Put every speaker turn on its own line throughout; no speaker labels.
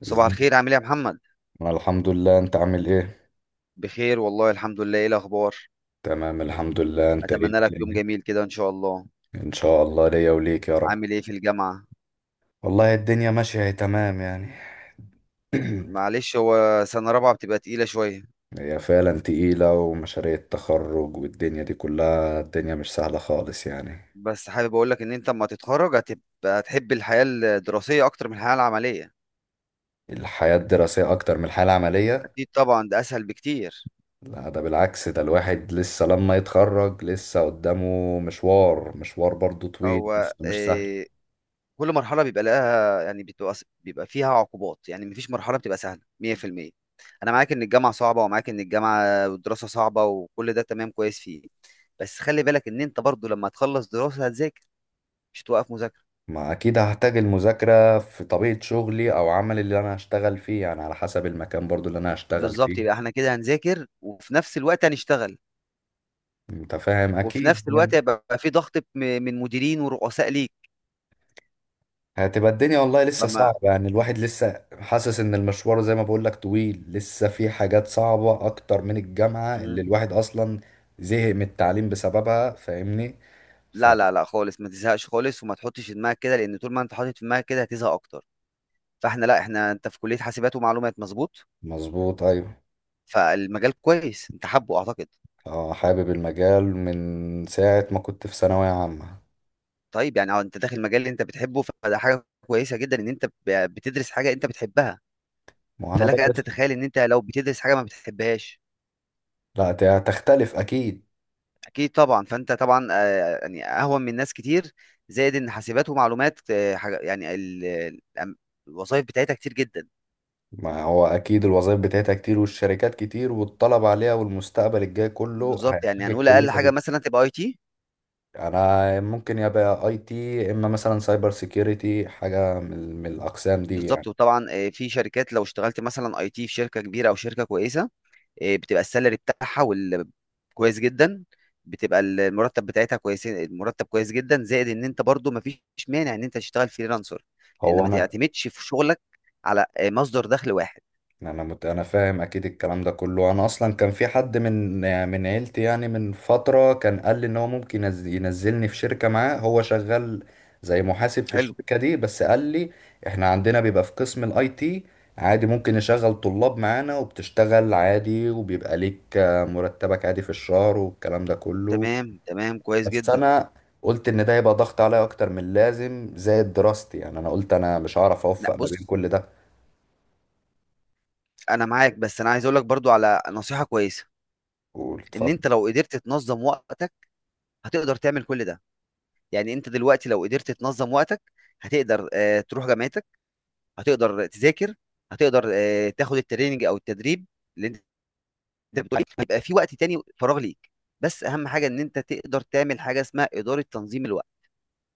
صباح
ازاي؟
الخير، عامل ايه يا محمد؟
الحمد لله، انت عامل ايه؟
بخير والله الحمد لله. ايه الاخبار؟
تمام الحمد لله. انت ايه
اتمنى لك يوم
الدنيا؟
جميل كده ان شاء الله.
ان شاء الله ليا وليك يا رب.
عامل ايه في الجامعه؟
والله الدنيا ماشية، هي تمام يعني.
معلش، هو سنه رابعه بتبقى تقيله شويه.
هي فعلا تقيلة، ومشاريع التخرج والدنيا دي كلها، الدنيا مش سهلة خالص يعني.
بس حابب اقول لك ان انت اما تتخرج هتحب الحياه الدراسيه اكتر من الحياه العمليه.
الحياة الدراسية أكتر من الحياة العملية؟
اكيد طبعا، ده اسهل بكتير.
لا ده بالعكس، ده الواحد لسه لما يتخرج لسه قدامه مشوار برضو طويل،
هو
لسه مش سهل.
إيه؟ كل مرحلة بيبقى لها، يعني بيبقى فيها عقوبات. يعني مفيش مرحلة بتبقى سهلة 100%. أنا معاك إن الجامعة صعبة، ومعاك إن الجامعة والدراسة صعبة، وكل ده تمام كويس فيه. بس خلي بالك إن أنت برضو لما تخلص دراسة هتذاكر، مش توقف مذاكرة.
ما اكيد هحتاج المذاكرة في طبيعة شغلي او عمل اللي انا هشتغل فيه، يعني على حسب المكان برضو اللي انا هشتغل
بالظبط،
فيه.
يبقى إحنا كده هنذاكر وفي نفس الوقت هنشتغل.
انت فاهم
وفي
اكيد
نفس الوقت
يعني.
هيبقى في ضغط من مديرين ورؤساء ليك.
هتبقى الدنيا والله لسه
فما
صعبة، يعني الواحد لسه حاسس ان المشوار زي ما بقولك طويل، لسه في حاجات صعبة اكتر من الجامعة اللي
مم.
الواحد اصلا زهق من التعليم بسببها، فاهمني؟
لا لا لا خالص، ما تزهقش خالص، وما تحطش في دماغك كده، لأن طول ما أنت حاطط في دماغك كده هتزهق أكتر. فإحنا، لا، إحنا، أنت في كلية حاسبات ومعلومات، مظبوط.
فمظبوط ايوه.
فالمجال كويس، انت حابه اعتقد.
اه حابب المجال من ساعة ما كنت في ثانوية عامة.
طيب يعني، اه، انت داخل مجال اللي انت بتحبه، فده حاجه كويسه جدا ان انت بتدرس حاجه انت بتحبها.
وانا
فلك ان
بدرس.
تتخيل ان انت لو بتدرس حاجه ما بتحبهاش.
لا تختلف اكيد.
اكيد طبعا، فانت طبعا، يعني اهون من ناس كتير. زائد ان حاسبات ومعلومات، حاجه يعني، الوظائف بتاعتها كتير جدا.
ما هو أكيد الوظائف بتاعتها كتير، والشركات كتير، والطلب عليها والمستقبل الجاي كله
بالظبط، يعني
هيحتاج
هنقول اقل
الكلية
حاجه
دي.
مثلا تبقى اي تي.
أنا ممكن يبقى أي تي، إما مثلا سايبر سيكيورتي، حاجة من الأقسام دي
بالظبط،
يعني.
وطبعا، في شركات لو اشتغلت مثلا اي تي في شركه كبيره او شركه كويسه، بتبقى السالري بتاعها كويس جدا، بتبقى المرتب بتاعتها كويس، المرتب كويس جدا. زائد ان انت برضو مفيش مانع ان انت تشتغل فريلانسر، لان
هو
ما
أنا
تعتمدش في شغلك على مصدر دخل واحد.
انا فاهم اكيد الكلام ده كله. انا اصلا كان في حد من من عيلتي يعني، من فتره كان قال لي ان هو ممكن ينزلني في شركه معاه هو شغال زي محاسب في
حلو.
الشركه دي. بس قال لي احنا عندنا بيبقى في قسم الاي تي، عادي ممكن نشغل طلاب معانا وبتشتغل عادي، وبيبقى ليك مرتبك عادي في الشهر والكلام ده كله.
تمام تمام كويس
بس
جدا.
انا قلت ان ده يبقى ضغط عليا اكتر من اللازم زائد دراستي، يعني انا قلت انا مش هعرف اوفق
لا
ما بين
بص،
كل ده.
انا معاك، بس انا عايز اقول لك برضو على نصيحة كويسة.
قول
ان
اتفضل.
انت لو قدرت تنظم وقتك هتقدر تعمل كل ده. يعني انت دلوقتي لو قدرت تنظم وقتك هتقدر، تروح جامعتك، هتقدر تذاكر، هتقدر، تاخد التريننج او التدريب اللي انت، أنت بتقول إيه؟ هيبقى في وقت تاني فراغ ليك. بس اهم حاجه ان انت تقدر تعمل حاجه اسمها اداره تنظيم الوقت.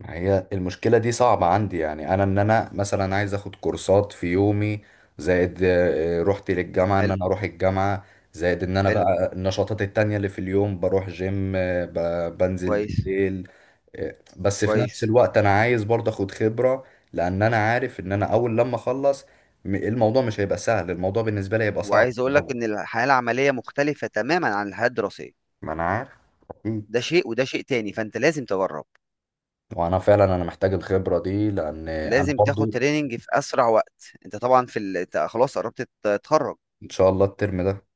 ما هي المشكلة دي صعبة عندي، يعني أنا إن أنا مثلا عايز أخد كورسات في يومي، زائد روحتي للجامعة إن
حلو
أنا أروح الجامعة، زائد إن أنا
حلو
بقى النشاطات التانية اللي في اليوم، بروح جيم، بنزل
كويس
بالليل. بس في نفس
كويس.
الوقت أنا عايز برضه أخد خبرة، لأن أنا عارف إن أنا أول لما أخلص الموضوع مش هيبقى سهل، الموضوع بالنسبة لي هيبقى صعب
وعايز
في
اقول لك
الأول.
ان الحياه العمليه مختلفه تماما عن الحياه الدراسيه.
ما أنا عارف. أكيد.
ده شيء وده شيء تاني، فانت لازم تجرب.
وأنا فعلا أنا محتاج الخبرة دي لأن أنا
لازم تاخد
برضه.
تريننج في اسرع وقت. انت طبعا في ال... أنت خلاص قربت تتخرج.
إن شاء الله الترم ده.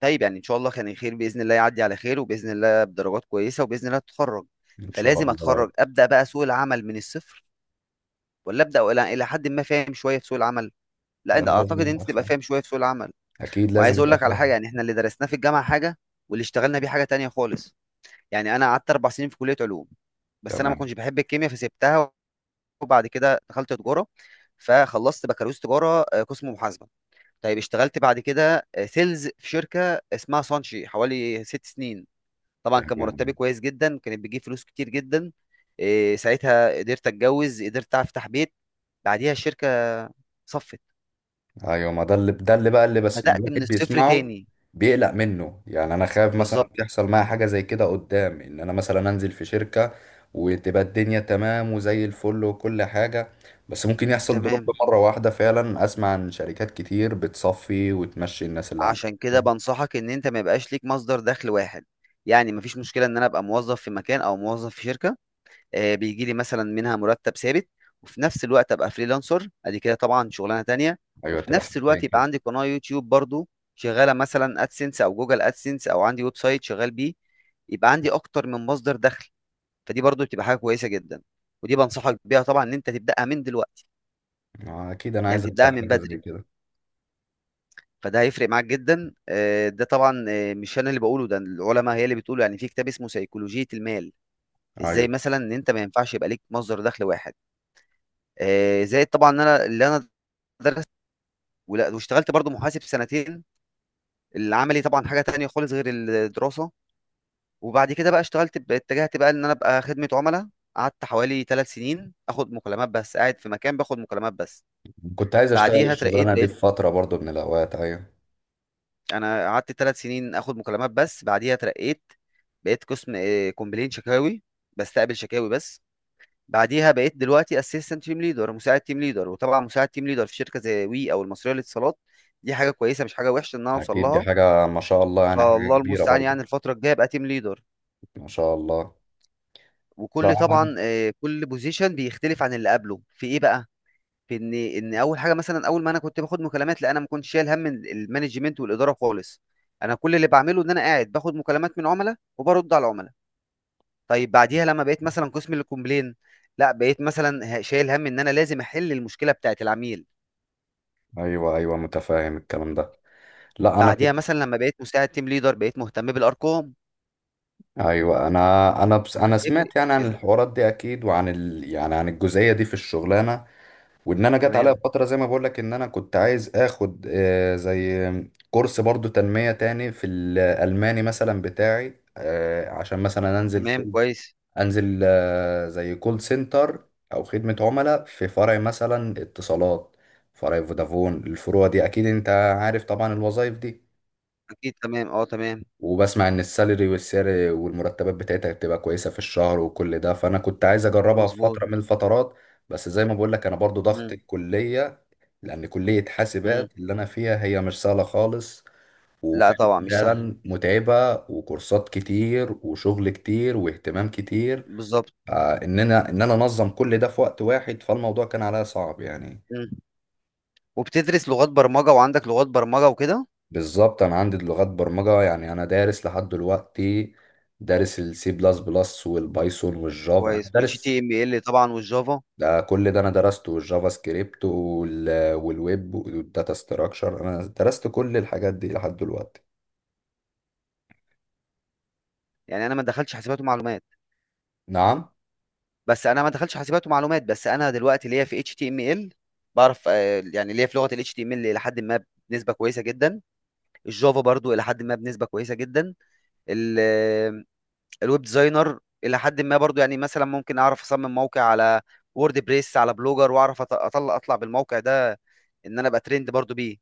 طيب يعني ان شاء الله كان الخير، باذن الله يعدي على خير، وباذن الله بدرجات كويسه، وباذن الله تتخرج.
إن شاء
فلازم
الله.
اتخرج ابدا بقى سوق العمل من الصفر، ولا ابدا ولا الى حد ما فاهم شويه في سوق العمل؟ لا،
لا
انت
انا
اعتقد
لازم
ان انت
ابقى
تبقى
فاهم،
فاهم شويه في سوق العمل.
اكيد لازم
وعايز اقول
ابقى
لك على حاجه،
فاهم.
يعني احنا اللي درسناه في الجامعه حاجه، واللي اشتغلنا بيه حاجه تانية خالص. يعني انا قعدت اربع سنين في كليه علوم، بس انا ما
تمام
كنتش بحب الكيمياء فسبتها. وبعد كده دخلت تجاره، فخلصت بكالوريوس تجاره، قسم محاسبه. طيب اشتغلت بعد كده، سيلز في شركه اسمها سانشي حوالي ست سنين. طبعا كان مرتبي
تمام.
كويس جدا، كانت بتجيب فلوس كتير جدا. ساعتها قدرت اتجوز، قدرت افتح بيت. بعديها الشركه صفت.
ايوه، ما ده اللي ده اللي بقى اللي بس
بدات من
الواحد
الصفر
بيسمعه
تاني.
بيقلق منه، يعني انا خايف مثلا
بالظبط.
تحصل معايا حاجه زي كده قدام، ان انا مثلا انزل في شركه وتبقى الدنيا تمام وزي الفل وكل حاجه، بس ممكن يحصل دروب
تمام.
مره واحده. فعلا اسمع عن شركات كتير بتصفي وتمشي الناس اللي
عشان
عندها.
كده بنصحك ان انت ما يبقاش ليك مصدر دخل واحد. يعني مفيش مشكله ان انا ابقى موظف في مكان او موظف في شركه، بيجي لي مثلا منها مرتب ثابت، وفي نفس الوقت ابقى فريلانسر، ادي كده طبعا شغلانه تانية.
ايوه
وفي
تبقى
نفس
حاجتين
الوقت يبقى
كده.
عندي قناه يوتيوب برضو، شغاله مثلا ادسنس او جوجل ادسنس، او عندي ويب سايت شغال بيه. يبقى عندي اكتر من مصدر دخل. فدي برضو بتبقى حاجه كويسه جدا. ودي بنصحك بيها طبعا ان انت تبداها من دلوقتي،
اكيد انا عايز
يعني تبداها
ابدا
من
حاجه زي
بدري.
كده.
فده هيفرق معاك جدا. ده طبعا، مش انا اللي بقوله، ده العلماء هي اللي بتقوله، يعني في كتاب اسمه سيكولوجية المال،
ايوه
ازاي مثلا ان انت ما ينفعش يبقى ليك مصدر دخل واحد. زائد طبعا ان انا، اللي انا درست واشتغلت برضو محاسب سنتين. العملي طبعا حاجة تانية خالص غير الدراسة. وبعد كده بقى اشتغلت، اتجهت بقى ان انا ابقى خدمة عملاء. قعدت حوالي ثلاث سنين اخد مكالمات بس، قاعد في مكان باخد مكالمات بس.
كنت عايز اشتغل
بعديها اترقيت،
الشغلانه دي
بقيت،
في فتره برضو من الاوقات. ايوه
انا قعدت ثلاث سنين اخد مكالمات بس بعديها اترقيت. بقيت قسم، كومبلين، شكاوي، بستقبل شكاوي بس. بعديها بقيت دلوقتي اسيستنت تيم ليدر، مساعد تيم ليدر، وطبعا مساعد تيم ليدر في شركه زي وي او المصريه للاتصالات. دي حاجه كويسه مش حاجه وحشه ان انا اوصل
اكيد، دي
لها.
حاجه ما شاء الله يعني، حاجه
فالله
كبيره
المستعان،
برضو.
يعني الفتره الجايه ابقى تيم ليدر.
ما شاء الله. لا
وكل
انا.
طبعا، كل بوزيشن بيختلف عن اللي قبله في ايه بقى؟ في ان اول حاجه، مثلا اول ما انا كنت باخد مكالمات، لا انا ما كنتش شايل هم المانجمنت والاداره خالص. انا كل اللي بعمله ان انا قاعد باخد مكالمات من عملاء وبرد على العملاء. طيب بعديها لما بقيت مثلا قسم الكومبلين، لا بقيت مثلا شايل هم ان انا لازم احل المشكله بتاعت العميل.
ايوه ايوه، متفاهم الكلام ده. لا انا
بعديها
كنت.
مثلا لما بقيت مساعد تيم ليدر بقيت مهتم بالارقام،
ايوه انا. انا بس انا
بتفرق
سمعت يعني عن
كده.
الحوارات دي اكيد، وعن يعني عن الجزئيه دي في الشغلانه. وان انا جت عليا
تمام
فتره، زي ما بقول لك ان انا كنت عايز اخد زي كورس برضو تنميه تاني في الالماني مثلا بتاعي، عشان مثلا انزل
تمام
كل،
كويس.
انزل زي كول سنتر، او خدمة عملاء في فرع مثلا اتصالات، فرع فودافون، الفروع دي اكيد انت عارف طبعا الوظائف دي.
اكيد تمام، اه، تمام.
وبسمع ان السالري والسعر والمرتبات بتاعتها بتبقى كويسة في الشهر وكل ده، فانا كنت عايز اجربها في
مظبوط.
فترة من الفترات. بس زي ما بقول لك انا برضو ضغط
مم.
الكلية، لان كلية
مم.
حاسبات اللي انا فيها هي مش سهلة خالص،
لا
وفعلا
طبعا مش سهل.
فعلاً متعبة، وكورسات كتير وشغل كتير واهتمام كتير.
بالظبط.
ان انا انظم كل ده في وقت واحد، فالموضوع كان عليا صعب يعني.
مم. وبتدرس لغات برمجه، وعندك لغات برمجه وكده.
بالظبط انا عندي لغات برمجه، يعني انا دارس لحد دلوقتي، دارس السي بلس بلس والبايثون والجافا.
كويس،
انا
اتش
دارس
تي ام ال طبعا والجافا.
ده، كل ده انا درسته، والجافا سكريبت والويب والداتا ستراكشر، انا درست كل الحاجات دي لحد دلوقتي.
يعني انا ما دخلتش حاسبات ومعلومات،
نعم.
بس انا ما دخلتش حاسبات ومعلومات، بس انا دلوقتي ليا في اتش تي ام ال. بعرف، يعني ليا في لغه الاتش تي ام ال الى حد ما، بنسبه كويسه جدا. الجافا برضو الى حد ما بنسبه كويسه جدا. ال- آه، الويب ديزاينر الى حد ما برضو. يعني مثلا ممكن اعرف اصمم موقع على وورد بريس، على بلوجر، واعرف اطلع بالموقع ده. ان انا ابقى ترند برضو بيه،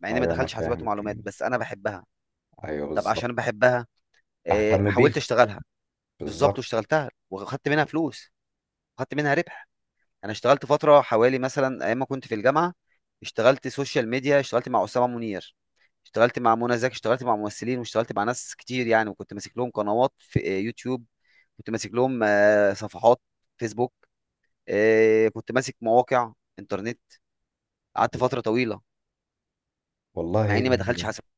مع اني ما
ايوه انا
دخلتش حاسبات
فاهم الكلام
ومعلومات
ده.
بس انا بحبها.
ايوه
طب
بالظبط.
عشان بحبها،
اهتم بيه.
حاولت اشتغلها. بالظبط،
بالظبط
واشتغلتها واخدت منها فلوس، واخدت منها ربح. انا اشتغلت فتره حوالي مثلا ايام ما كنت في الجامعه، اشتغلت سوشيال ميديا، اشتغلت مع اسامه منير، اشتغلت مع منى زكي، اشتغلت مع ممثلين، واشتغلت مع ناس كتير يعني. وكنت ماسك لهم قنوات في، يوتيوب، كنت ماسك لهم، صفحات فيسبوك، كنت ماسك مواقع انترنت. قعدت فتره طويله. مع
والله.
اني ما دخلتش حاسبات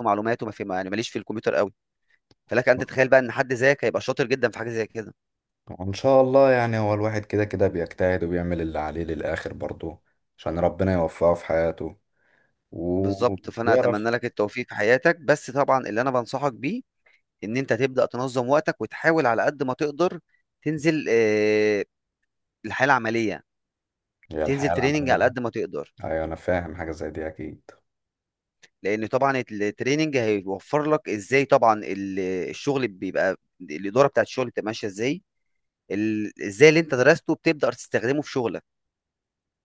ومعلومات، وما في، يعني ماليش في الكمبيوتر قوي. فلك ان تتخيل بقى ان حد زيك هيبقى شاطر جدا في حاجه زي كده.
وان شاء الله يعني، هو الواحد كده كده بيجتهد وبيعمل اللي عليه للاخر برضه عشان ربنا يوفقه في حياته، و...
بالظبط. فانا
ويعرف.
اتمنى لك التوفيق في حياتك. بس طبعا اللي انا بنصحك بيه ان انت تبدا تنظم وقتك، وتحاول على قد ما تقدر تنزل، الحياه العمليه،
هي
تنزل
الحياة
تريننج على
العملية.
قد ما تقدر.
ايوه انا فاهم حاجة زي دي اكيد.
لان طبعا التريننج هيوفر لك ازاي طبعا الشغل بيبقى، الاداره بتاعت الشغل بتبقى ماشيه ازاي، ازاي اللي انت درسته بتبدا تستخدمه في شغلك.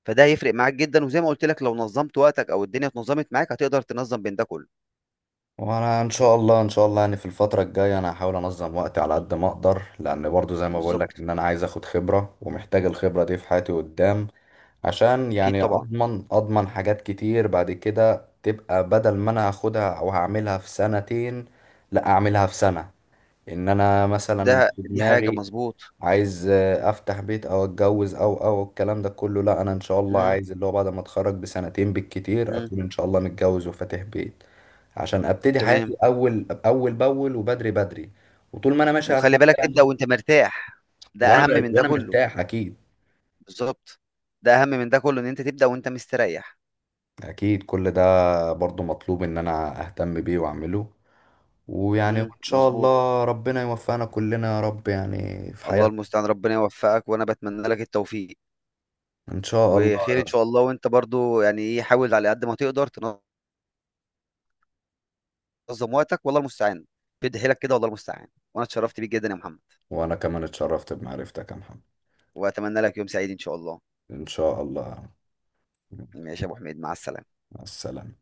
فده هيفرق معاك جدا. وزي ما قلت لك، لو نظمت وقتك او الدنيا اتنظمت معاك هتقدر تنظم بين ده كله.
وانا ان شاء الله، ان شاء الله يعني في الفترة الجاية انا هحاول انظم وقتي على قد ما اقدر، لان برضه زي ما بقول لك
بالظبط.
ان انا عايز اخد خبرة ومحتاج الخبرة دي في حياتي قدام، عشان
اكيد
يعني
طبعا.
اضمن، اضمن حاجات كتير بعد كده، تبقى بدل ما انا هاخدها او هعملها في سنتين، لا اعملها في سنة. ان انا
ده،
مثلا في
دي حاجه
دماغي
مظبوط.
عايز افتح بيت او اتجوز، او الكلام ده كله، لا انا ان شاء الله
مم.
عايز اللي هو بعد ما اتخرج بسنتين بالكتير
إمم،
اكون ان شاء الله متجوز وفاتح بيت، عشان ابتدي حياتي
تمام،
اول اول باول، وبدري بدري. وطول ما انا ماشي على
وخلّي
الحال ده
بالك تبدأ
يعني.
وأنت مرتاح، ده أهم من ده
وانا
كلّه.
مرتاح اكيد.
بالضبط، ده أهم من ده كلّه إن أنت تبدأ وأنت مستريّح.
اكيد كل ده برضو مطلوب ان انا اهتم بيه واعمله. ويعني ان شاء
مضبوط،
الله ربنا يوفقنا كلنا يا رب، يعني في
الله
حياتنا.
المستعان، ربنا يوفّقك، وأنا باتمنى لك التوفيق،
ان شاء
وخير إن
الله.
شاء الله. وأنت برضه يعني إيه، حاول على قد ما تقدر تنظّم وقتك، والله المستعان، بيد حيلك كده والله المستعان. وأنا اتشرّفت بيك جدًا يا محمد،
وانا كمان اتشرفت بمعرفتك يا محمد.
وأتمنى لك يوم سعيد إن شاء الله.
إن شاء الله.
ماشي يا أبو حميد، مع السلامة.
مع السلامة.